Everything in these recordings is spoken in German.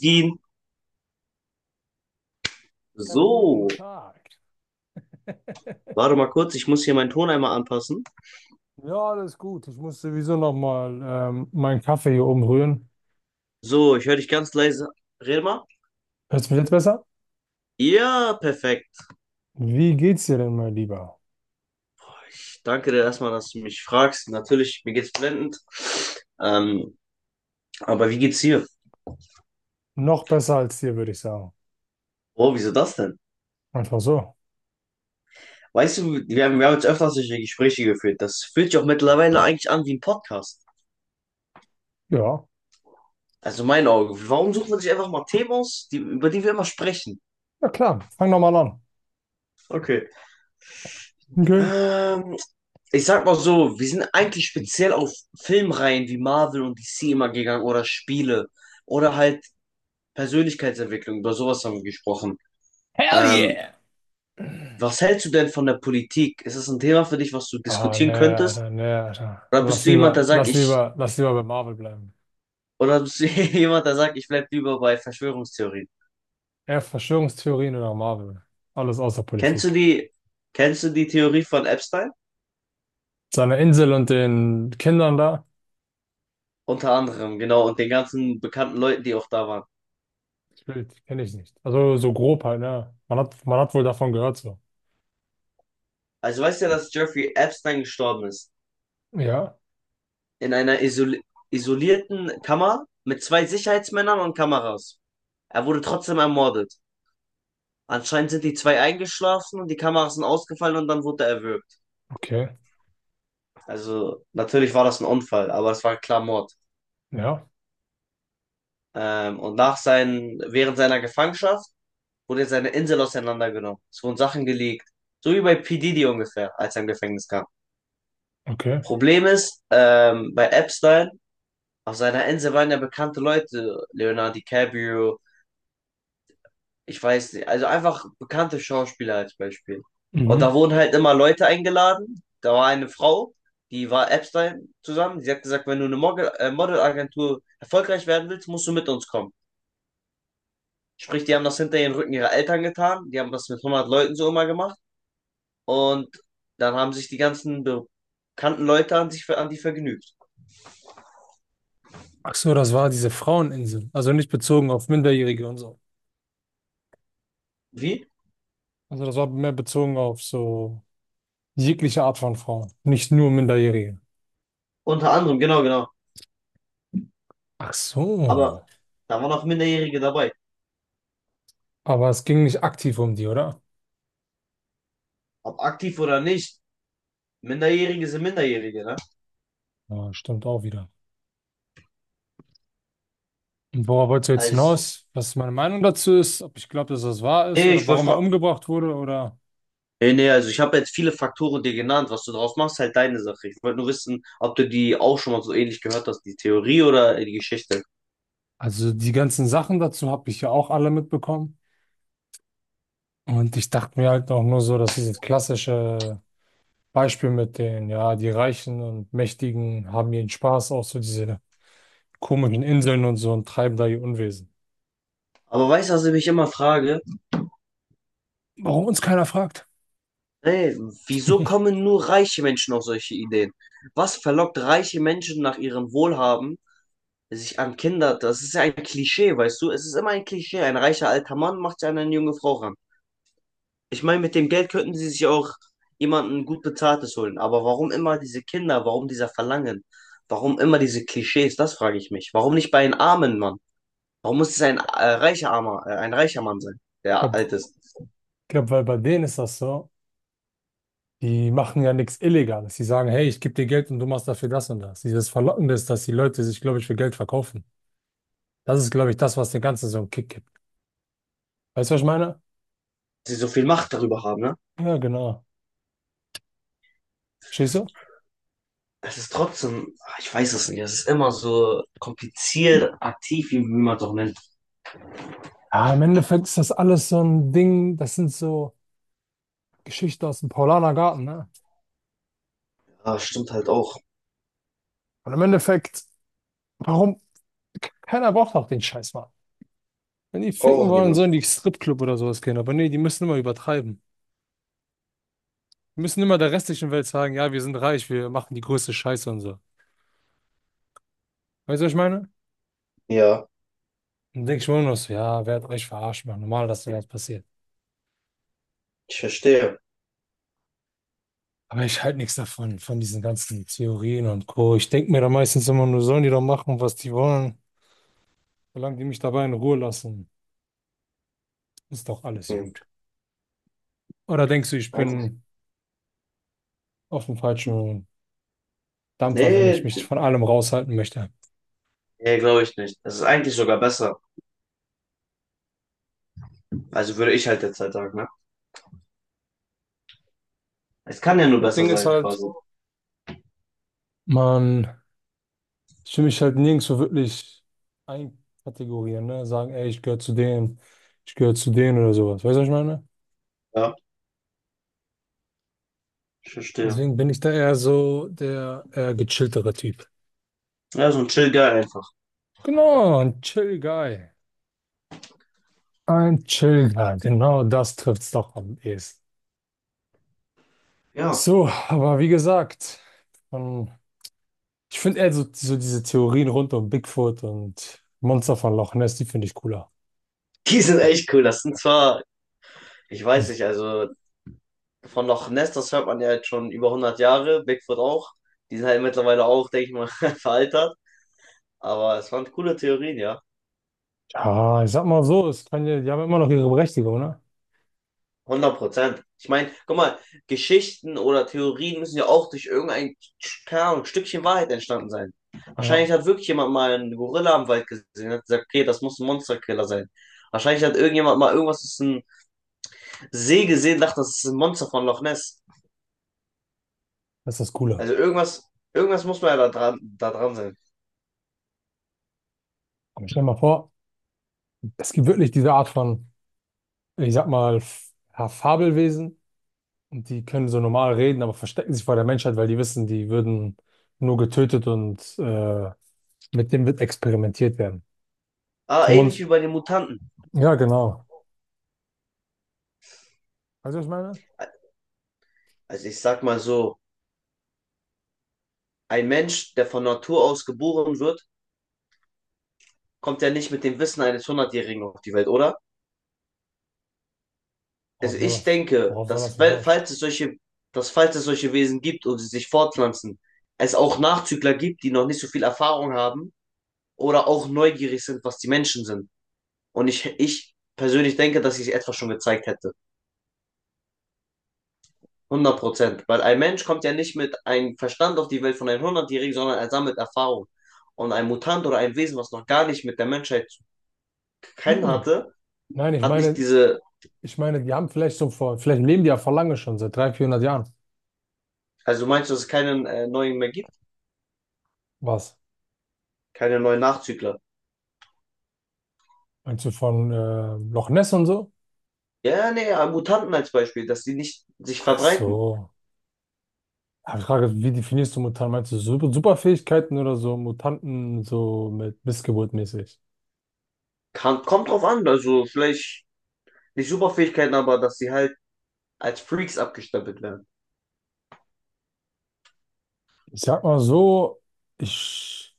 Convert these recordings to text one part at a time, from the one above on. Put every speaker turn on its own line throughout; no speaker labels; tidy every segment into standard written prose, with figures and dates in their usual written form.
Gehen.
Ja,
So,
guten Tag.
warte mal kurz, ich muss hier meinen Ton einmal anpassen.
Ja, alles gut. Ich muss sowieso nochmal meinen Kaffee hier oben rühren.
So, ich höre dich ganz leise. Red mal.
Hörst du mich jetzt besser?
Ja, perfekt.
Wie geht's dir denn, mein Lieber?
Ich danke dir erstmal, dass du mich fragst. Natürlich, mir geht's blendend. Ähm, aber wie geht's hier?
Noch besser als dir, würde ich sagen.
Oh, wieso das denn?
Einfach so.
Weißt du, wir haben jetzt öfters solche Gespräche geführt. Das fühlt sich auch mittlerweile eigentlich an wie ein Podcast.
Ja,
Also mein Auge. Warum sucht man sich einfach mal Themen aus, über die wir immer sprechen?
ja klar. Fang doch mal an.
Okay.
Okay.
Ähm, Ich sag mal so, wir sind eigentlich speziell auf Filmreihen wie Marvel und DC immer gegangen oder Spiele oder halt Persönlichkeitsentwicklung, über sowas haben wir gesprochen.
Hell
Ähm,
yeah!
Was hältst du denn von der Politik? Ist das ein Thema für dich, was du
Ah,
diskutieren
nee,
könntest?
Alter, nee, Alter.
Oder
Lass
bist du jemand,
lieber, lass lieber, lass lieber bei Marvel bleiben.
oder bist du jemand, der sagt, ich bleib lieber bei Verschwörungstheorien?
Eher Verschwörungstheorien oder Marvel. Alles außer
Kennst du
Politik.
die, kennst du die Theorie von Epstein?
Seiner Insel und den Kindern da.
Unter anderem, genau, und den ganzen bekannten Leuten, die auch da waren.
Das Bild kenne ich nicht. Also so grob halt, ne? Man hat wohl davon gehört so.
Also weißt du ja, dass Jeffrey Epstein gestorben ist,
Ja,
in einer isol isolierten Kammer mit zwei Sicherheitsmännern und Kameras. Er wurde trotzdem ermordet. Anscheinend sind die zwei eingeschlafen und die Kameras sind ausgefallen und dann wurde er erwürgt.
okay.
Also natürlich war das ein Unfall, aber es war klar Mord.
Ja,
Während seiner Gefangenschaft wurde seine Insel auseinandergenommen. Es wurden Sachen gelegt. So wie bei P. Diddy ungefähr, als er im Gefängnis kam.
okay.
Problem ist, bei Epstein, auf seiner Insel waren ja bekannte Leute. Leonardo DiCaprio, ich weiß nicht, also einfach bekannte Schauspieler als Beispiel. Und da
Mhm.
wurden halt immer Leute eingeladen. Da war eine Frau, die war Epstein zusammen. Sie hat gesagt, wenn du eine Modelagentur erfolgreich werden willst, musst du mit uns kommen. Sprich, die haben das hinter den Rücken ihrer Eltern getan. Die haben das mit 100 Leuten so immer gemacht. Und dann haben sich die ganzen bekannten Leute an die vergnügt.
Ach so, das war diese Fraueninsel. Also nicht bezogen auf Minderjährige und so.
Wie?
Also das war mehr bezogen auf so jegliche Art von Frauen. Nicht nur Minderjährige.
Unter anderem, genau, genau.
Ach
Aber
so.
da waren auch Minderjährige dabei.
Aber es ging nicht aktiv um die, oder?
Ob aktiv oder nicht, Minderjährige sind Minderjährige, ne?
Ja, stimmt auch wieder. Und worauf wolltest du jetzt
Also
hinaus? Was meine Meinung dazu ist? Ob ich glaube, dass das wahr ist
nee,
oder
ich wollte
warum er
fragen.
umgebracht wurde oder...
Nee, nee, also ich habe jetzt viele Faktoren dir genannt. Was du draus machst, halt deine Sache. Ich wollte nur wissen, ob du die auch schon mal so ähnlich gehört hast, die Theorie oder die Geschichte.
Also die ganzen Sachen dazu habe ich ja auch alle mitbekommen. Und ich dachte mir halt auch nur so, dass dieses klassische Beispiel mit den, ja, die Reichen und Mächtigen haben ihren Spaß auf so diese komischen Inseln und so und treiben da ihr Unwesen.
Aber weißt du, was ich mich immer frage?
Warum uns keiner fragt?
Ey, wieso kommen nur reiche Menschen auf solche Ideen? Was verlockt reiche Menschen nach ihrem Wohlhaben, sich an Kinder? Das ist ja ein Klischee, weißt du? Es ist immer ein Klischee. Ein reicher alter Mann macht sich an eine junge Frau ran. Ich meine, mit dem Geld könnten sie sich auch jemanden gut Bezahltes holen. Aber warum immer diese Kinder? Warum dieser Verlangen? Warum immer diese Klischees? Das frage ich mich. Warum nicht bei einem armen Mann? Warum muss es ein reicher Mann sein,
Ich
der
glaube,
alt ist?
glaub, weil bei denen ist das so. Die machen ja nichts Illegales. Die sagen, hey, ich gebe dir Geld und du machst dafür das und das. Dieses Verlockende ist, dass die Leute sich, glaube ich, für Geld verkaufen. Das ist, glaube ich, das, was dem Ganzen so einen Kick gibt. Weißt du, was ich meine?
Sie so viel Macht darüber haben, ne?
Ja, genau. Stehst du?
Es ist trotzdem, ich weiß es nicht, es ist immer so kompliziert, aktiv, wie man es auch nennt.
Ja, im Endeffekt ist das alles so ein Ding, das sind so Geschichten aus dem Paulaner Garten, ne?
Ja, stimmt halt auch.
Und im Endeffekt, warum? Keiner braucht auch den Scheiß, Mann. Wenn die ficken
Braucht auch
wollen,
niemand.
sollen die Stripclub oder sowas gehen. Aber nee, die müssen immer übertreiben. Die müssen immer der restlichen Welt sagen, ja, wir sind reich, wir machen die größte Scheiße und so. Weißt du, was ich meine?
Ja,
Dann denke ich mir nur noch so, ja, wer hat euch verarscht, Mann? Normal, dass sowas passiert.
ich verstehe.
Aber ich halte nichts davon, von diesen ganzen Theorien und Co. Ich denke mir da meistens immer nur, sollen die doch machen, was die wollen, solange die mich dabei in Ruhe lassen, ist doch alles
Hm.
gut. Oder denkst du, ich
Eigentlich,
bin auf dem falschen Dampfer, wenn ich
nee,
mich von allem raushalten möchte?
nee, glaube ich nicht. Das ist eigentlich sogar besser. Also würde ich halt derzeit sagen, ne? Es kann ja nur
Das
besser
Ding ist
sein,
halt,
quasi.
man, ich will mich halt nirgendwo wirklich einkategorieren, ne? Sagen, ey, ich gehöre zu denen, ich gehöre zu denen oder sowas. Weißt du, was ich meine?
Ja, ich verstehe.
Deswegen bin ich da eher so der eher gechilltere Typ.
Ja, so ein Chill Guy einfach.
Genau, ein Chill Guy. Ein Chill Guy, genau das trifft's doch am ehesten.
Ja.
So, aber wie gesagt, von ich finde eher so, so diese Theorien rund um Bigfoot und Monster von Loch Ness, die finde ich cooler.
Die sind echt cool. Das sind zwar, ich weiß nicht, also von Loch Ness, das hört man ja jetzt schon über 100 Jahre, Bigfoot auch. Die sind halt mittlerweile auch, denke ich mal, veraltert. Aber es waren coole Theorien, ja.
Ja, ich sag mal so, es kann ja, die haben immer noch ihre Berechtigung, ne?
100%. Ich meine, guck mal, Geschichten oder Theorien müssen ja auch durch irgendein, keine Ahnung, Stückchen Wahrheit entstanden sein.
Ja,
Wahrscheinlich hat wirklich jemand mal einen Gorilla im Wald gesehen und hat gesagt, okay, das muss ein Monsterkiller sein. Wahrscheinlich hat irgendjemand mal irgendwas, das ist ein See gesehen, dachte, das ist ein Monster von Loch Ness.
das ist das Coole.
Also irgendwas, irgendwas muss man ja da dran sein.
Aber stell dir mal vor, es gibt wirklich diese Art von, ich sag mal, F- ja, Fabelwesen und die können so normal reden, aber verstecken sich vor der Menschheit, weil die wissen, die würden nur getötet und mit dem wird experimentiert werden.
Aber
So man,
ähnlich wie bei den Mutanten.
ja, genau. Weißt du, was ich meine?
Also ich sag mal so, ein Mensch, der von Natur aus geboren wird, kommt ja nicht mit dem Wissen eines Hundertjährigen auf die Welt, oder? Also
Worauf soll
ich
das?
denke,
Worauf soll das hinaus?
dass falls es solche Wesen gibt und sie sich fortpflanzen, es auch Nachzügler gibt, die noch nicht so viel Erfahrung haben oder auch neugierig sind, was die Menschen sind. Und ich persönlich denke, dass sich etwas schon gezeigt hätte. 100%. Weil ein Mensch kommt ja nicht mit einem Verstand auf die Welt von einem 100-Jährigen, sondern er sammelt Erfahrung. Und ein Mutant oder ein Wesen, was noch gar nicht mit der Menschheit zu kennen
Mhm.
hatte,
Nein, ich
hat nicht
meine,
diese.
ich meine, die haben vielleicht so vor, vielleicht leben die ja vor lange schon, seit 300, 400 Jahren.
Also meinst du, dass es keinen neuen mehr gibt?
Was?
Keine neuen Nachzügler?
Meinst du von Loch Ness und so?
Ja, nee, Mutanten als Beispiel, dass die nicht sich
Ach
verbreiten.
so. Ja, ich frage, wie definierst du Mutanten? Meinst du Super Superfähigkeiten oder so Mutanten so mit Missgeburt mäßig?
Kann, kommt drauf an. Also vielleicht nicht Superfähigkeiten, aber dass sie halt als Freaks abgestempelt werden.
Ich sag mal so, ich,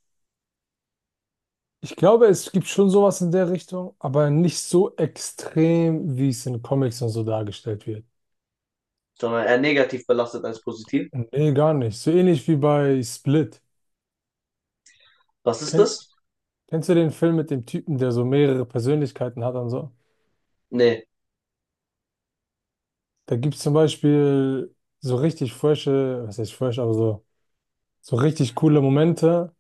ich glaube, es gibt schon sowas in der Richtung, aber nicht so extrem, wie es in Comics und so dargestellt wird.
Sondern eher negativ belastet als positiv.
Nee, gar nicht. So ähnlich wie bei Split.
Was ist
Kennst,
das?
kennst du den Film mit dem Typen, der so mehrere Persönlichkeiten hat und so?
Nee.
Da gibt es zum Beispiel so richtig frische, was heißt fresh, aber so, so richtig coole Momente,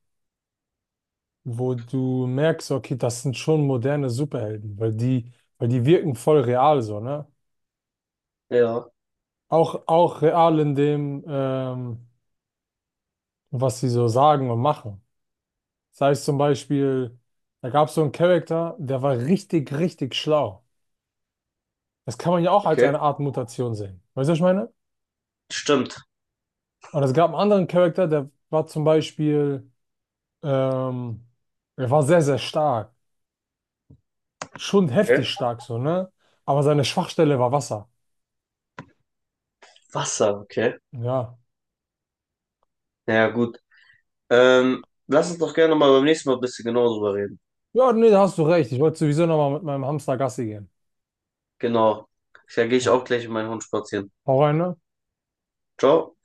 wo du merkst, okay, das sind schon moderne Superhelden, weil die wirken voll real so, ne?
Ja,
Auch, auch real in dem, was sie so sagen und machen. Sei es zum Beispiel, da gab es so einen Charakter, der war richtig, richtig schlau. Das kann man ja auch als
okay.
eine Art Mutation sehen. Weißt du, was ich meine?
Stimmt.
Und es gab einen anderen Charakter, der war zum Beispiel Ähm, er war sehr, sehr stark. Schon
Okay.
heftig stark so, ne? Aber seine Schwachstelle war Wasser.
Wasser, okay.
Ja.
Ja, gut. Lass uns doch gerne mal beim nächsten Mal ein bisschen genauer drüber reden.
Ja, nee, da hast du recht. Ich wollte sowieso nochmal mit meinem Hamster Gassi gehen.
Genau. Da gehe ich
Oh,
auch gleich mit meinem Hund spazieren.
hau rein, ne?
Ciao.